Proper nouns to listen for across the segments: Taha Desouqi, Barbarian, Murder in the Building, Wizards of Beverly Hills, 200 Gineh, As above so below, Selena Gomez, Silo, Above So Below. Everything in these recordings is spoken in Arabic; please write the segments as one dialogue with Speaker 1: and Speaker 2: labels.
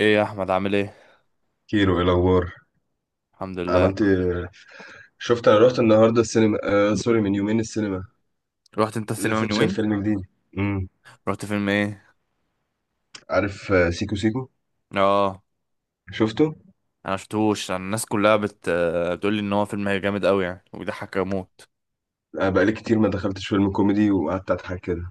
Speaker 1: ايه يا احمد، عامل ايه؟
Speaker 2: كيرو، ايه الاخبار؟
Speaker 1: الحمد لله.
Speaker 2: عملت إيه؟ شفت، انا رحت النهارده السينما. آه، سوري، من يومين السينما.
Speaker 1: رحت انت السينما
Speaker 2: لسه
Speaker 1: من
Speaker 2: شايف
Speaker 1: يومين؟
Speaker 2: فيلم جديد. امم
Speaker 1: رحت فيلم ايه؟
Speaker 2: عارف؟ آه، سيكو سيكو.
Speaker 1: اه،
Speaker 2: شفته؟
Speaker 1: انا شفتوش. انا الناس كلها بتقول لي ان هو فيلم جامد قوي يعني وبيضحك اموت.
Speaker 2: آه، بقالي كتير ما دخلتش فيلم كوميدي وقعدت اضحك كده.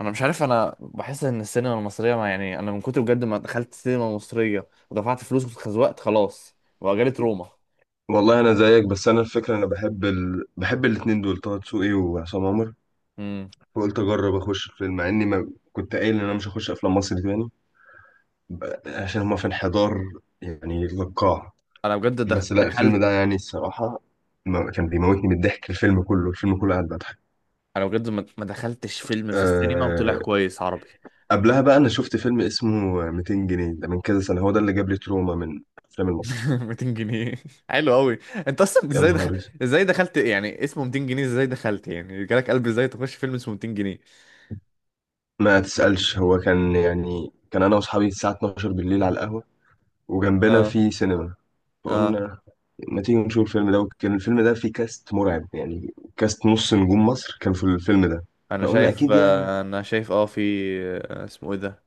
Speaker 1: انا مش عارف انا بحس ان السينما المصريه ما يعني انا من كتر بجد ما دخلت سينما مصريه ودفعت فلوس واتخزوقت خلاص وجالت روما.
Speaker 2: والله انا زيك، بس انا الفكره، انا بحب الاتنين دول، طه دسوقي وعصام عمر.
Speaker 1: امم
Speaker 2: فقلت اجرب اخش الفيلم، مع اني ما كنت قايل ان انا مش هخش افلام مصري تاني. عشان هما في انحدار يعني للقاع.
Speaker 1: انا بجد
Speaker 2: بس لا الفيلم
Speaker 1: دخلت.
Speaker 2: ده، يعني الصراحه، كان بيموتني من الضحك. الفيلم كله، الفيلم كله قاعد بضحك.
Speaker 1: انا بجد ما دخلتش فيلم في السينما وطلع
Speaker 2: أه،
Speaker 1: كويس عربي.
Speaker 2: قبلها بقى انا شفت فيلم اسمه 200 جنيه، ده من كذا سنه، هو ده اللي جاب لي تروما من الافلام المصري.
Speaker 1: 200 جنيه. حلو قوي. انت اصلا
Speaker 2: يا
Speaker 1: ازاي دخل...
Speaker 2: نهار اسود،
Speaker 1: ازاي دخلت يعني، اسمه 200 جنيه؟ ازاي دخلت يعني جالك قلب ازاي تخش فيلم اسمه 200 جنيه؟
Speaker 2: ما تسالش. هو كان يعني، كان انا واصحابي الساعه 12 بالليل على القهوه، وجنبنا
Speaker 1: اه،
Speaker 2: في سينما.
Speaker 1: اه.
Speaker 2: فقلنا ما تيجي نشوف الفيلم ده، وكان الفيلم ده فيه كاست مرعب. يعني كاست نص نجوم مصر كان في الفيلم ده. فقلنا اكيد، يعني
Speaker 1: انا شايف اه في... اسمه ايه ده؟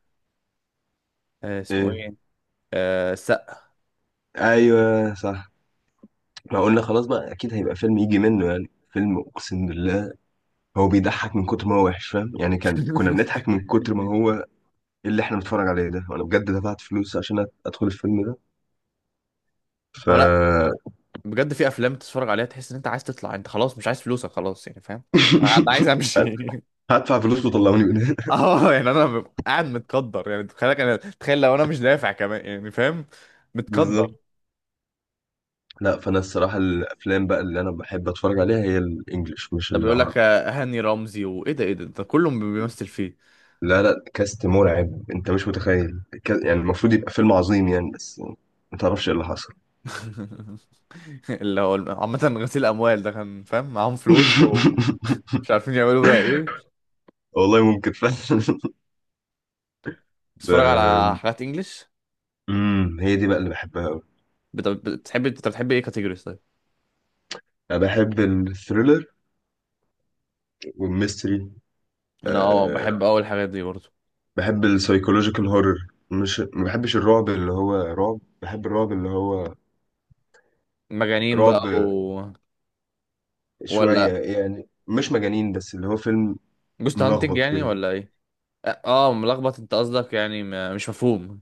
Speaker 1: آه، اسمه
Speaker 2: إيه؟
Speaker 1: ايه السقا.
Speaker 2: ايوه صح. ما قلنا خلاص بقى اكيد هيبقى فيلم، يجي منه يعني فيلم، اقسم بالله. هو بيضحك من كتر ما هو وحش، فاهم؟ يعني كنا بنضحك من كتر ما هو إيه اللي احنا بنتفرج عليه ده. وانا بجد دفعت فلوس عشان ادخل الفيلم ده. ف
Speaker 1: هو، لا، بجد في افلام تتفرج عليها تحس ان انت عايز تطلع، انت خلاص مش عايز فلوسك خلاص يعني، فاهم؟ انا عايز امشي.
Speaker 2: هدفع فلوس وطلعوني من هنا.
Speaker 1: اه يعني انا ببقى قاعد متقدر، يعني تخيل انا، تخيل لو انا مش دافع كمان يعني فاهم، متقدر.
Speaker 2: بالظبط. لا، فانا الصراحه الافلام بقى اللي انا بحب اتفرج عليها هي الانجليش مش
Speaker 1: ده بيقول لك
Speaker 2: العربي.
Speaker 1: هاني رمزي وايه ده، ايه ده، ده كله بيمثل فيه.
Speaker 2: لا، لا، كاست مرعب، انت مش متخيل، يعني المفروض يبقى فيلم عظيم يعني، بس ما تعرفش ايه اللي حصل.
Speaker 1: اللي هو عامة غسيل اموال، ده كان فاهم معاهم فلوس ومش عارفين يعملوا بيها ايه.
Speaker 2: والله ممكن فعلا.
Speaker 1: بتتفرج على
Speaker 2: ب...
Speaker 1: حاجات انجلش.
Speaker 2: هي دي بقى اللي بحبها قوي.
Speaker 1: بتحب، انت بتحب ايه كاتيجوريز طيب؟
Speaker 2: انا بحب الثريلر والميستري.
Speaker 1: انا اه
Speaker 2: أه
Speaker 1: بحب اول الحاجات دي برضه.
Speaker 2: بحب السايكولوجيكال هورر. مش، ما بحبش الرعب اللي هو رعب، بحب الرعب اللي هو
Speaker 1: مجانين
Speaker 2: رعب
Speaker 1: بقى ولا
Speaker 2: شوية، يعني مش مجانين، بس اللي هو فيلم
Speaker 1: جوست هانتنج
Speaker 2: ملخبط
Speaker 1: يعني
Speaker 2: كده.
Speaker 1: ولا ايه؟ اه، ملخبط انت قصدك، يعني مش مفهوم.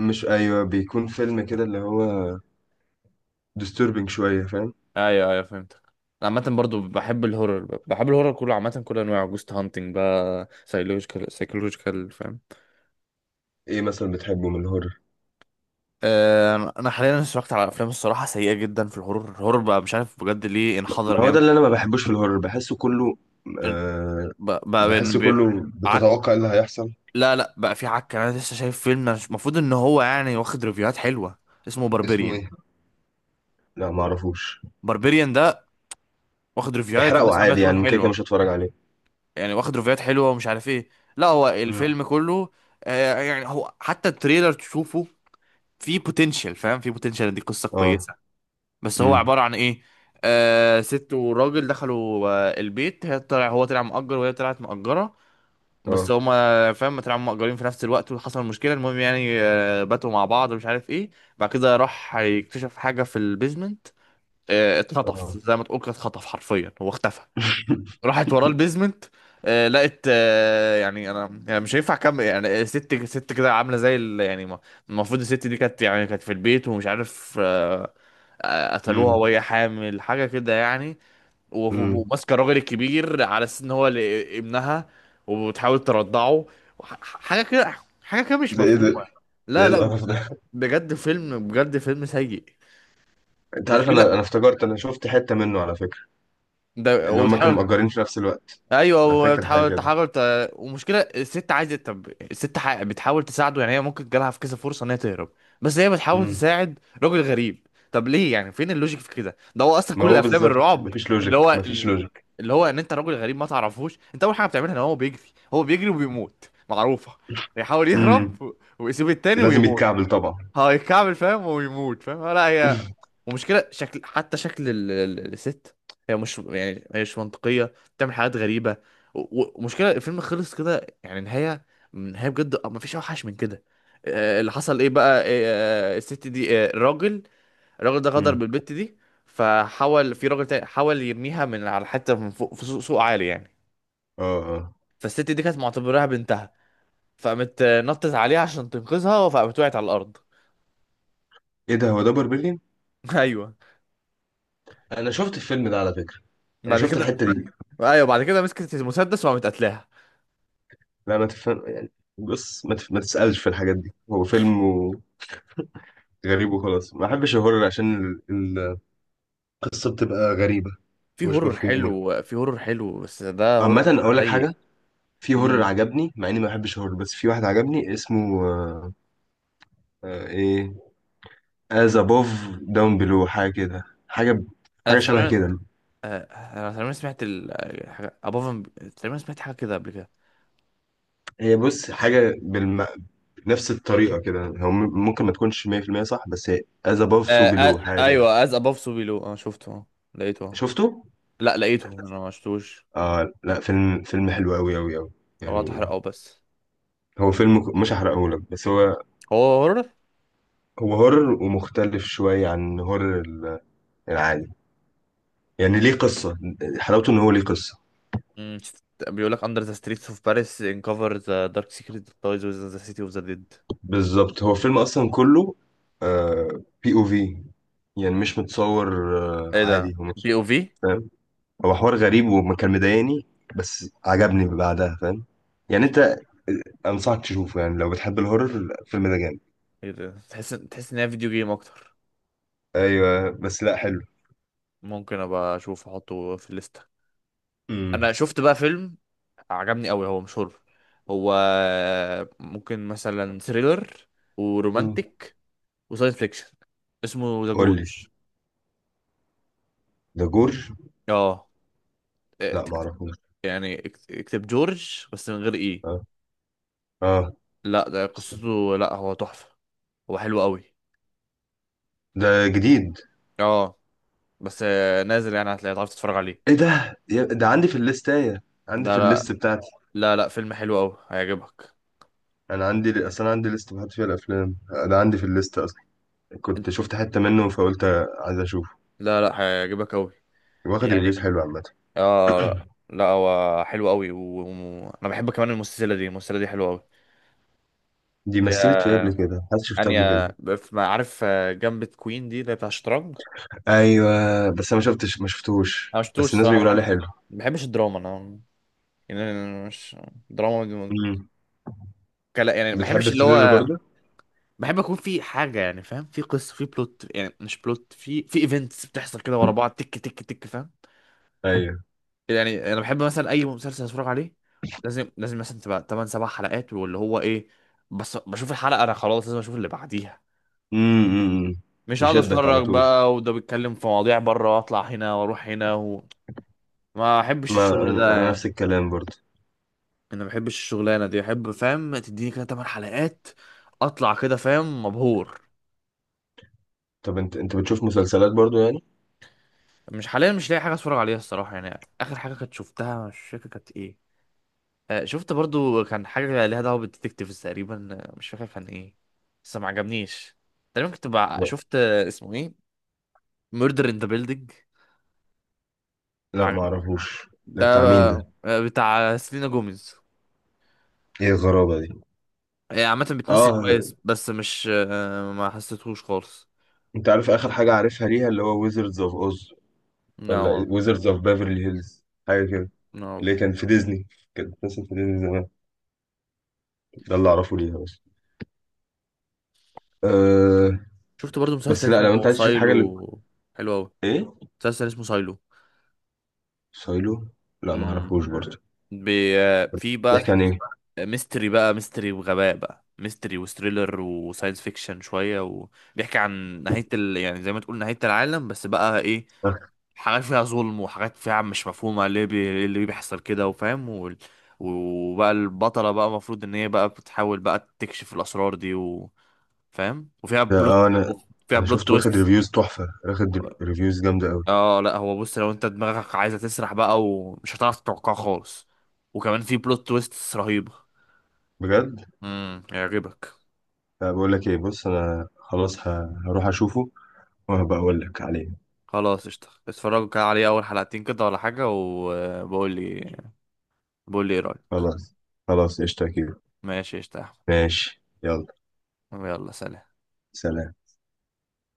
Speaker 2: مش، أيوه، بيكون فيلم كده اللي هو disturbing شوية، فاهم؟
Speaker 1: ايوه ايوه، فهمتك. عامة برضو بحب الهورر، بحب الهورر كله عامة كل انواعه، جوست هانتنج بقى، سايكولوجيكال فاهم.
Speaker 2: ايه مثلا بتحبه من الهورر؟
Speaker 1: انا حاليا اتفرجت على افلام الصراحه سيئه جدا في الهورر. الهورر بقى مش عارف بجد ليه انحدر
Speaker 2: ما هو
Speaker 1: جامد.
Speaker 2: ده اللي انا ما بحبوش في الهورر.
Speaker 1: ال-
Speaker 2: أه
Speaker 1: بقى, بقى بين-
Speaker 2: بحسه
Speaker 1: ب-
Speaker 2: كله
Speaker 1: عك
Speaker 2: بتتوقع إيه اللي هيحصل.
Speaker 1: لا لا، بقى في عك. انا لسه شايف فيلم، أنا مش، المفروض ان هو يعني واخد ريفيوهات حلوه، اسمه
Speaker 2: اسمه
Speaker 1: باربيريان.
Speaker 2: ايه؟ لا، ما اعرفوش.
Speaker 1: باربيريان ده واخد ريفيوهات
Speaker 2: احرقه
Speaker 1: والناس عماله
Speaker 2: عادي
Speaker 1: تقول
Speaker 2: يعني، ممكن كده كده
Speaker 1: حلوه،
Speaker 2: مش هتفرج عليه.
Speaker 1: يعني واخد ريفيوهات حلوه ومش عارف ايه. لا، هو
Speaker 2: مم.
Speaker 1: الفيلم كله يعني هو حتى التريلر تشوفه، في بوتنشال فاهم، في بوتنشال ان دي قصه
Speaker 2: اه.
Speaker 1: كويسه. بس هو
Speaker 2: امم.
Speaker 1: عباره عن ايه؟ آه، ست وراجل دخلوا آه البيت. هي طلع هو طلع مأجر وهي طلعت مأجره، بس
Speaker 2: اه.
Speaker 1: هما فاهم طلعوا مأجرين في نفس الوقت، وحصل مشكله. المهم يعني آه باتوا مع بعض ومش عارف ايه. بعد كده راح يكتشف حاجه في البيزمنت. آه اتخطف،
Speaker 2: اه.
Speaker 1: زي ما تقول كده اتخطف حرفيا، هو اختفى. راحت وراه البيزمنت. آه لقت آه، يعني انا يعني مش هينفع اكمل يعني. ست كده عامله زي المفروض الست دي كانت يعني كانت في البيت ومش عارف آه، قتلوها
Speaker 2: مم.
Speaker 1: وهي حامل حاجه كده يعني.
Speaker 2: مم.
Speaker 1: وماسكه الراجل الكبير على اساس ان هو، ابنها، وبتحاول ترضعه، حاجه كده، حاجه كده مش
Speaker 2: ده ايه ده؟
Speaker 1: مفهومه.
Speaker 2: ده ايه
Speaker 1: لا لا،
Speaker 2: القرف ده؟
Speaker 1: بجد فيلم، بجد فيلم سيء،
Speaker 2: انت عارف،
Speaker 1: مشكله
Speaker 2: انا افتكرت انا شفت حتة منه على فكرة.
Speaker 1: ده.
Speaker 2: اللي هم كانوا مأجرين في نفس الوقت.
Speaker 1: ايوه،
Speaker 2: انا فاكر حاجة كده.
Speaker 1: ومشكله الست عايزه، طب الست بتحاول تساعده، يعني هي ممكن جالها في كذا فرصه ان هي تهرب، بس هي بتحاول
Speaker 2: مم.
Speaker 1: تساعد راجل غريب. طب ليه يعني، فين اللوجيك في كده؟ ده هو اصلا
Speaker 2: ما
Speaker 1: كل
Speaker 2: هو
Speaker 1: الافلام
Speaker 2: بالظبط،
Speaker 1: الرعب
Speaker 2: مفيش
Speaker 1: اللي
Speaker 2: لوجيك،
Speaker 1: هو
Speaker 2: مفيش
Speaker 1: ال-
Speaker 2: لوجيك.
Speaker 1: اللي هو ان انت راجل غريب ما تعرفوش، انت اول حاجه بتعملها ان هو بيجري، هو بيجري وبيموت معروفه، بيحاول
Speaker 2: مم.
Speaker 1: يهرب ويسيب التاني
Speaker 2: لازم
Speaker 1: ويموت.
Speaker 2: يتكعبل طبعا.
Speaker 1: هيكعبل فاهم ويموت فاهم، لا هي، ومشكلة شكل، حتى شكل الست، هي مش يعني هي مش منطقية، بتعمل حاجات غريبة. ومشكلة الفيلم خلص كده يعني، نهاية، نهاية بجد ما فيش أوحش من كده. اللي حصل ايه بقى؟ الست دي، الراجل، الراجل ده غدر
Speaker 2: مم.
Speaker 1: بالبت دي، فحاول في راجل تاني حاول يرميها من على حتة من فوق في سوق، سوق عالي يعني.
Speaker 2: اه. اه،
Speaker 1: فالست دي كانت معتبراها بنتها، فقامت نطت عليها عشان تنقذها، فقامت وقعت على الأرض.
Speaker 2: ايه ده، هو ده بربلين؟
Speaker 1: ايوه.
Speaker 2: انا شفت الفيلم ده على فكرة. انا
Speaker 1: بعد
Speaker 2: شفت
Speaker 1: كده
Speaker 2: الحتة دي.
Speaker 1: ايوه بعد كده مسكت المسدس وقامت قتلاها.
Speaker 2: لا، ما تفهم يعني. بص، ما تسألش في الحاجات دي، هو فيلم و... غريب وخلاص. ما احبش الهورر عشان ال- القصة بتبقى غريبة
Speaker 1: في
Speaker 2: ومش
Speaker 1: هورر
Speaker 2: مفهومة.
Speaker 1: حلو، في هورر حلو بس ده هورر
Speaker 2: عامة، أقول لك حاجة،
Speaker 1: سيء.
Speaker 2: في هورر
Speaker 1: امم
Speaker 2: عجبني مع إني ما بحبش هورر، بس في واحد عجبني اسمه إيه As above down below، حاجة كده، حاجة
Speaker 1: انا
Speaker 2: حاجة شبه
Speaker 1: تقريبا
Speaker 2: كده.
Speaker 1: آه، انا تقريبا سمعت حاجه ابوف، تقريبا سمعت حاجه كده قبل كده.
Speaker 2: هي بص، حاجة بنفس الطريقة كده، هو ممكن ما تكونش 100% صح، بس هي As above so below حاجة كده.
Speaker 1: ايوه، از ابوف سو بيلو. انا شفته لقيته آه.
Speaker 2: شفته؟
Speaker 1: لا لقيته، انا ما شفتوش.
Speaker 2: آه لا، فيلم حلو أوي أوي أوي
Speaker 1: هو
Speaker 2: يعني.
Speaker 1: اتحرقه بس،
Speaker 2: هو فيلم مش هحرقهولك، بس هو
Speaker 1: هو هورر.
Speaker 2: هو هورر ومختلف شوية عن هورر العادي. يعني ليه قصة، حلاوته إن هو ليه قصة.
Speaker 1: امم بيقول لك under the streets of Paris uncover the dark secret that lies within the city of the dead.
Speaker 2: بالظبط، هو الفيلم اصلا كله بي او في، يعني مش متصور.
Speaker 1: ايه ده
Speaker 2: عادي، هو مش
Speaker 1: بي او في،
Speaker 2: فاهم. هو حوار غريب وما كان مضايقني، بس عجبني بعدها، فاهم؟ يعني
Speaker 1: مش
Speaker 2: انت،
Speaker 1: عارف.
Speaker 2: انصحك تشوفه يعني لو بتحب الهورر الفيلم ده جامد.
Speaker 1: ايه ده، تحس، تحس ان هي فيديو جيم اكتر.
Speaker 2: ايوه بس لا حلو.
Speaker 1: ممكن ابقى اشوف، احطه في الليسته.
Speaker 2: امم.
Speaker 1: انا شفت بقى فيلم عجبني قوي، هو مش هورر، هو ممكن مثلا ثريلر
Speaker 2: أمم.
Speaker 1: ورومانتك وساينس فيكشن. اسمه ذا
Speaker 2: قول لي.
Speaker 1: جورج.
Speaker 2: ده جور؟
Speaker 1: اه، إيه،
Speaker 2: لا، ما
Speaker 1: تكت-
Speaker 2: اعرفوش.
Speaker 1: يعني اكتب جورج بس من غير ايه.
Speaker 2: اه. اه.
Speaker 1: لا ده قصته، لا هو تحفه، هو حلو قوي.
Speaker 2: ده جديد؟
Speaker 1: اه، بس نازل يعني، هتلاقي تعرف تتفرج عليه.
Speaker 2: ايه ده، ده عندي في الليستايه. عندي
Speaker 1: لا
Speaker 2: في
Speaker 1: لا،
Speaker 2: الليست بتاعتي.
Speaker 1: لا لا، فيلم حلو قوي هيعجبك.
Speaker 2: انا عندي اصلا، عندي ليست بحط فيها الافلام. ده عندي في الليست،
Speaker 1: إنت-
Speaker 2: كنت شفت حتة منه فقلت عايز اشوفه.
Speaker 1: لا لا، هيعجبك قوي،
Speaker 2: واخد
Speaker 1: يعني.
Speaker 2: ريفيوز حلوة عامة.
Speaker 1: اه، لا، لا، هو حلو قوي. وانا بحب كمان المسلسلة دي، المسلسلة دي حلوة قوي.
Speaker 2: دي
Speaker 1: اللي هي
Speaker 2: مثلت فيه قبل كده، حد شفتها قبل
Speaker 1: انيا،
Speaker 2: كده؟
Speaker 1: ما عارف جنب كوين دي، اللي هي بتاع الشطرنج.
Speaker 2: ايوه بس انا ما شفتوش،
Speaker 1: انا
Speaker 2: بس
Speaker 1: مشفتوش
Speaker 2: الناس
Speaker 1: صراحة.
Speaker 2: بيقولوا
Speaker 1: بحب،
Speaker 2: عليه حلو.
Speaker 1: ما بحبش الدراما انا. يعني أنا مش، دراما دي-
Speaker 2: امم
Speaker 1: كلا يعني، ما
Speaker 2: بتحب
Speaker 1: بحبش اللي
Speaker 2: الثريلر
Speaker 1: هو،
Speaker 2: برضه؟
Speaker 1: بحب اكون في حاجة يعني، فاهم، في قصة، في بلوت يعني، مش بلوت، في في ايفنتس بتحصل كده ورا بعض، تك تك تك، فاهم؟
Speaker 2: ايوه.
Speaker 1: يعني انا بحب مثلا اي مسلسل اتفرج عليه، لازم مثلا تبقى 8 7 حلقات واللي هو ايه، بس بشوف الحلقه انا خلاص لازم اشوف اللي بعديها.
Speaker 2: امم. أمم.
Speaker 1: مش هقعد
Speaker 2: يشدك على
Speaker 1: اتفرج
Speaker 2: طول.
Speaker 1: بقى وده بيتكلم في مواضيع بره، واطلع هنا واروح هنا. ما احبش
Speaker 2: ما
Speaker 1: الشغل
Speaker 2: انا
Speaker 1: ده.
Speaker 2: نفس الكلام برضه.
Speaker 1: انا ما بحبش الشغلانه دي، احب فاهم تديني كده 8 حلقات، اطلع كده فاهم مبهور.
Speaker 2: طب، انت بتشوف مسلسلات برضه يعني؟
Speaker 1: مش حاليا، مش لاقي حاجه اتفرج عليها الصراحه. يعني اخر حاجه كنت شفتها مش فاكر كانت ايه. شفت برضو، كان حاجة ليها دعوة بالديتكتيفز تقريبا، مش فاكر كان ايه، بس ما عجبنيش. تقريبا
Speaker 2: لا،
Speaker 1: شفت اسمه ايه، ميردر ان ذا بيلدينج، ما
Speaker 2: لا، ما
Speaker 1: عجبني.
Speaker 2: اعرفوش. ده
Speaker 1: ده
Speaker 2: بتاع مين ده؟
Speaker 1: بتاع سيلينا جوميز.
Speaker 2: ايه الغرابة دي!
Speaker 1: هي عامة بتمثل
Speaker 2: اه.
Speaker 1: كويس، بس مش ما حسيتهوش خالص.
Speaker 2: انت عارف اخر حاجة عارفها ليها اللي هو ويزردز اوف اوز،
Speaker 1: نو،
Speaker 2: ولا ويزردز اوف بيفرلي هيلز، حاجة كده.
Speaker 1: نو.
Speaker 2: اللي كان في ديزني، كانت بتمثل في ديزني زمان. ده اللي اعرفه ليها بس. أه.
Speaker 1: شفت برضو
Speaker 2: بس
Speaker 1: مسلسل
Speaker 2: لا، لو انت
Speaker 1: اسمه
Speaker 2: عايز تشوف حاجه،
Speaker 1: سايلو، حلو أوي.
Speaker 2: ايه؟
Speaker 1: مسلسل اسمه سايلو،
Speaker 2: سايلو. لا ما اعرفوش برضه.
Speaker 1: بي... آه، في بقى
Speaker 2: بيحكي عن ايه؟
Speaker 1: ميستري بقى، ميستري وغباء بقى، ميستري وستريلر وساينس فيكشن شوية، وبيحكي عن نهاية يعني زي ما تقول نهاية العالم، بس بقى ايه،
Speaker 2: اه.
Speaker 1: حاجات فيها ظلم وحاجات فيها مش مفهومة ليه، إيه اللي بيحصل كده وفاهم وبقى البطلة بقى المفروض ان هي بقى بتحاول بقى تكشف الأسرار دي، وفاهم، وفيها
Speaker 2: آه،
Speaker 1: بلوت،
Speaker 2: انا
Speaker 1: وفيها
Speaker 2: انا
Speaker 1: بلوت
Speaker 2: شفت، واخد
Speaker 1: تويست.
Speaker 2: ريفيوز تحفه، واخد ريفيوز جامده قوي.
Speaker 1: اه لا، هو بص، لو انت دماغك عايزة تسرح بقى، ومش هتعرف تتوقعها خالص، وكمان في بلوت تويست رهيبة.
Speaker 2: بجد.
Speaker 1: هيعجبك.
Speaker 2: لا بقول لك ايه، بص انا خلاص هروح اشوفه وهبقى اقول لك عليه.
Speaker 1: خلاص قشطة، اتفرجوا كده عليه اول حلقتين كده ولا حاجة وبقول لي، بقول لي ايه رأيك.
Speaker 2: خلاص. خلاص قشطه كده.
Speaker 1: ماشي قشطة يا
Speaker 2: ماشي، يلا،
Speaker 1: أحمد، يلا سلام.
Speaker 2: سلام.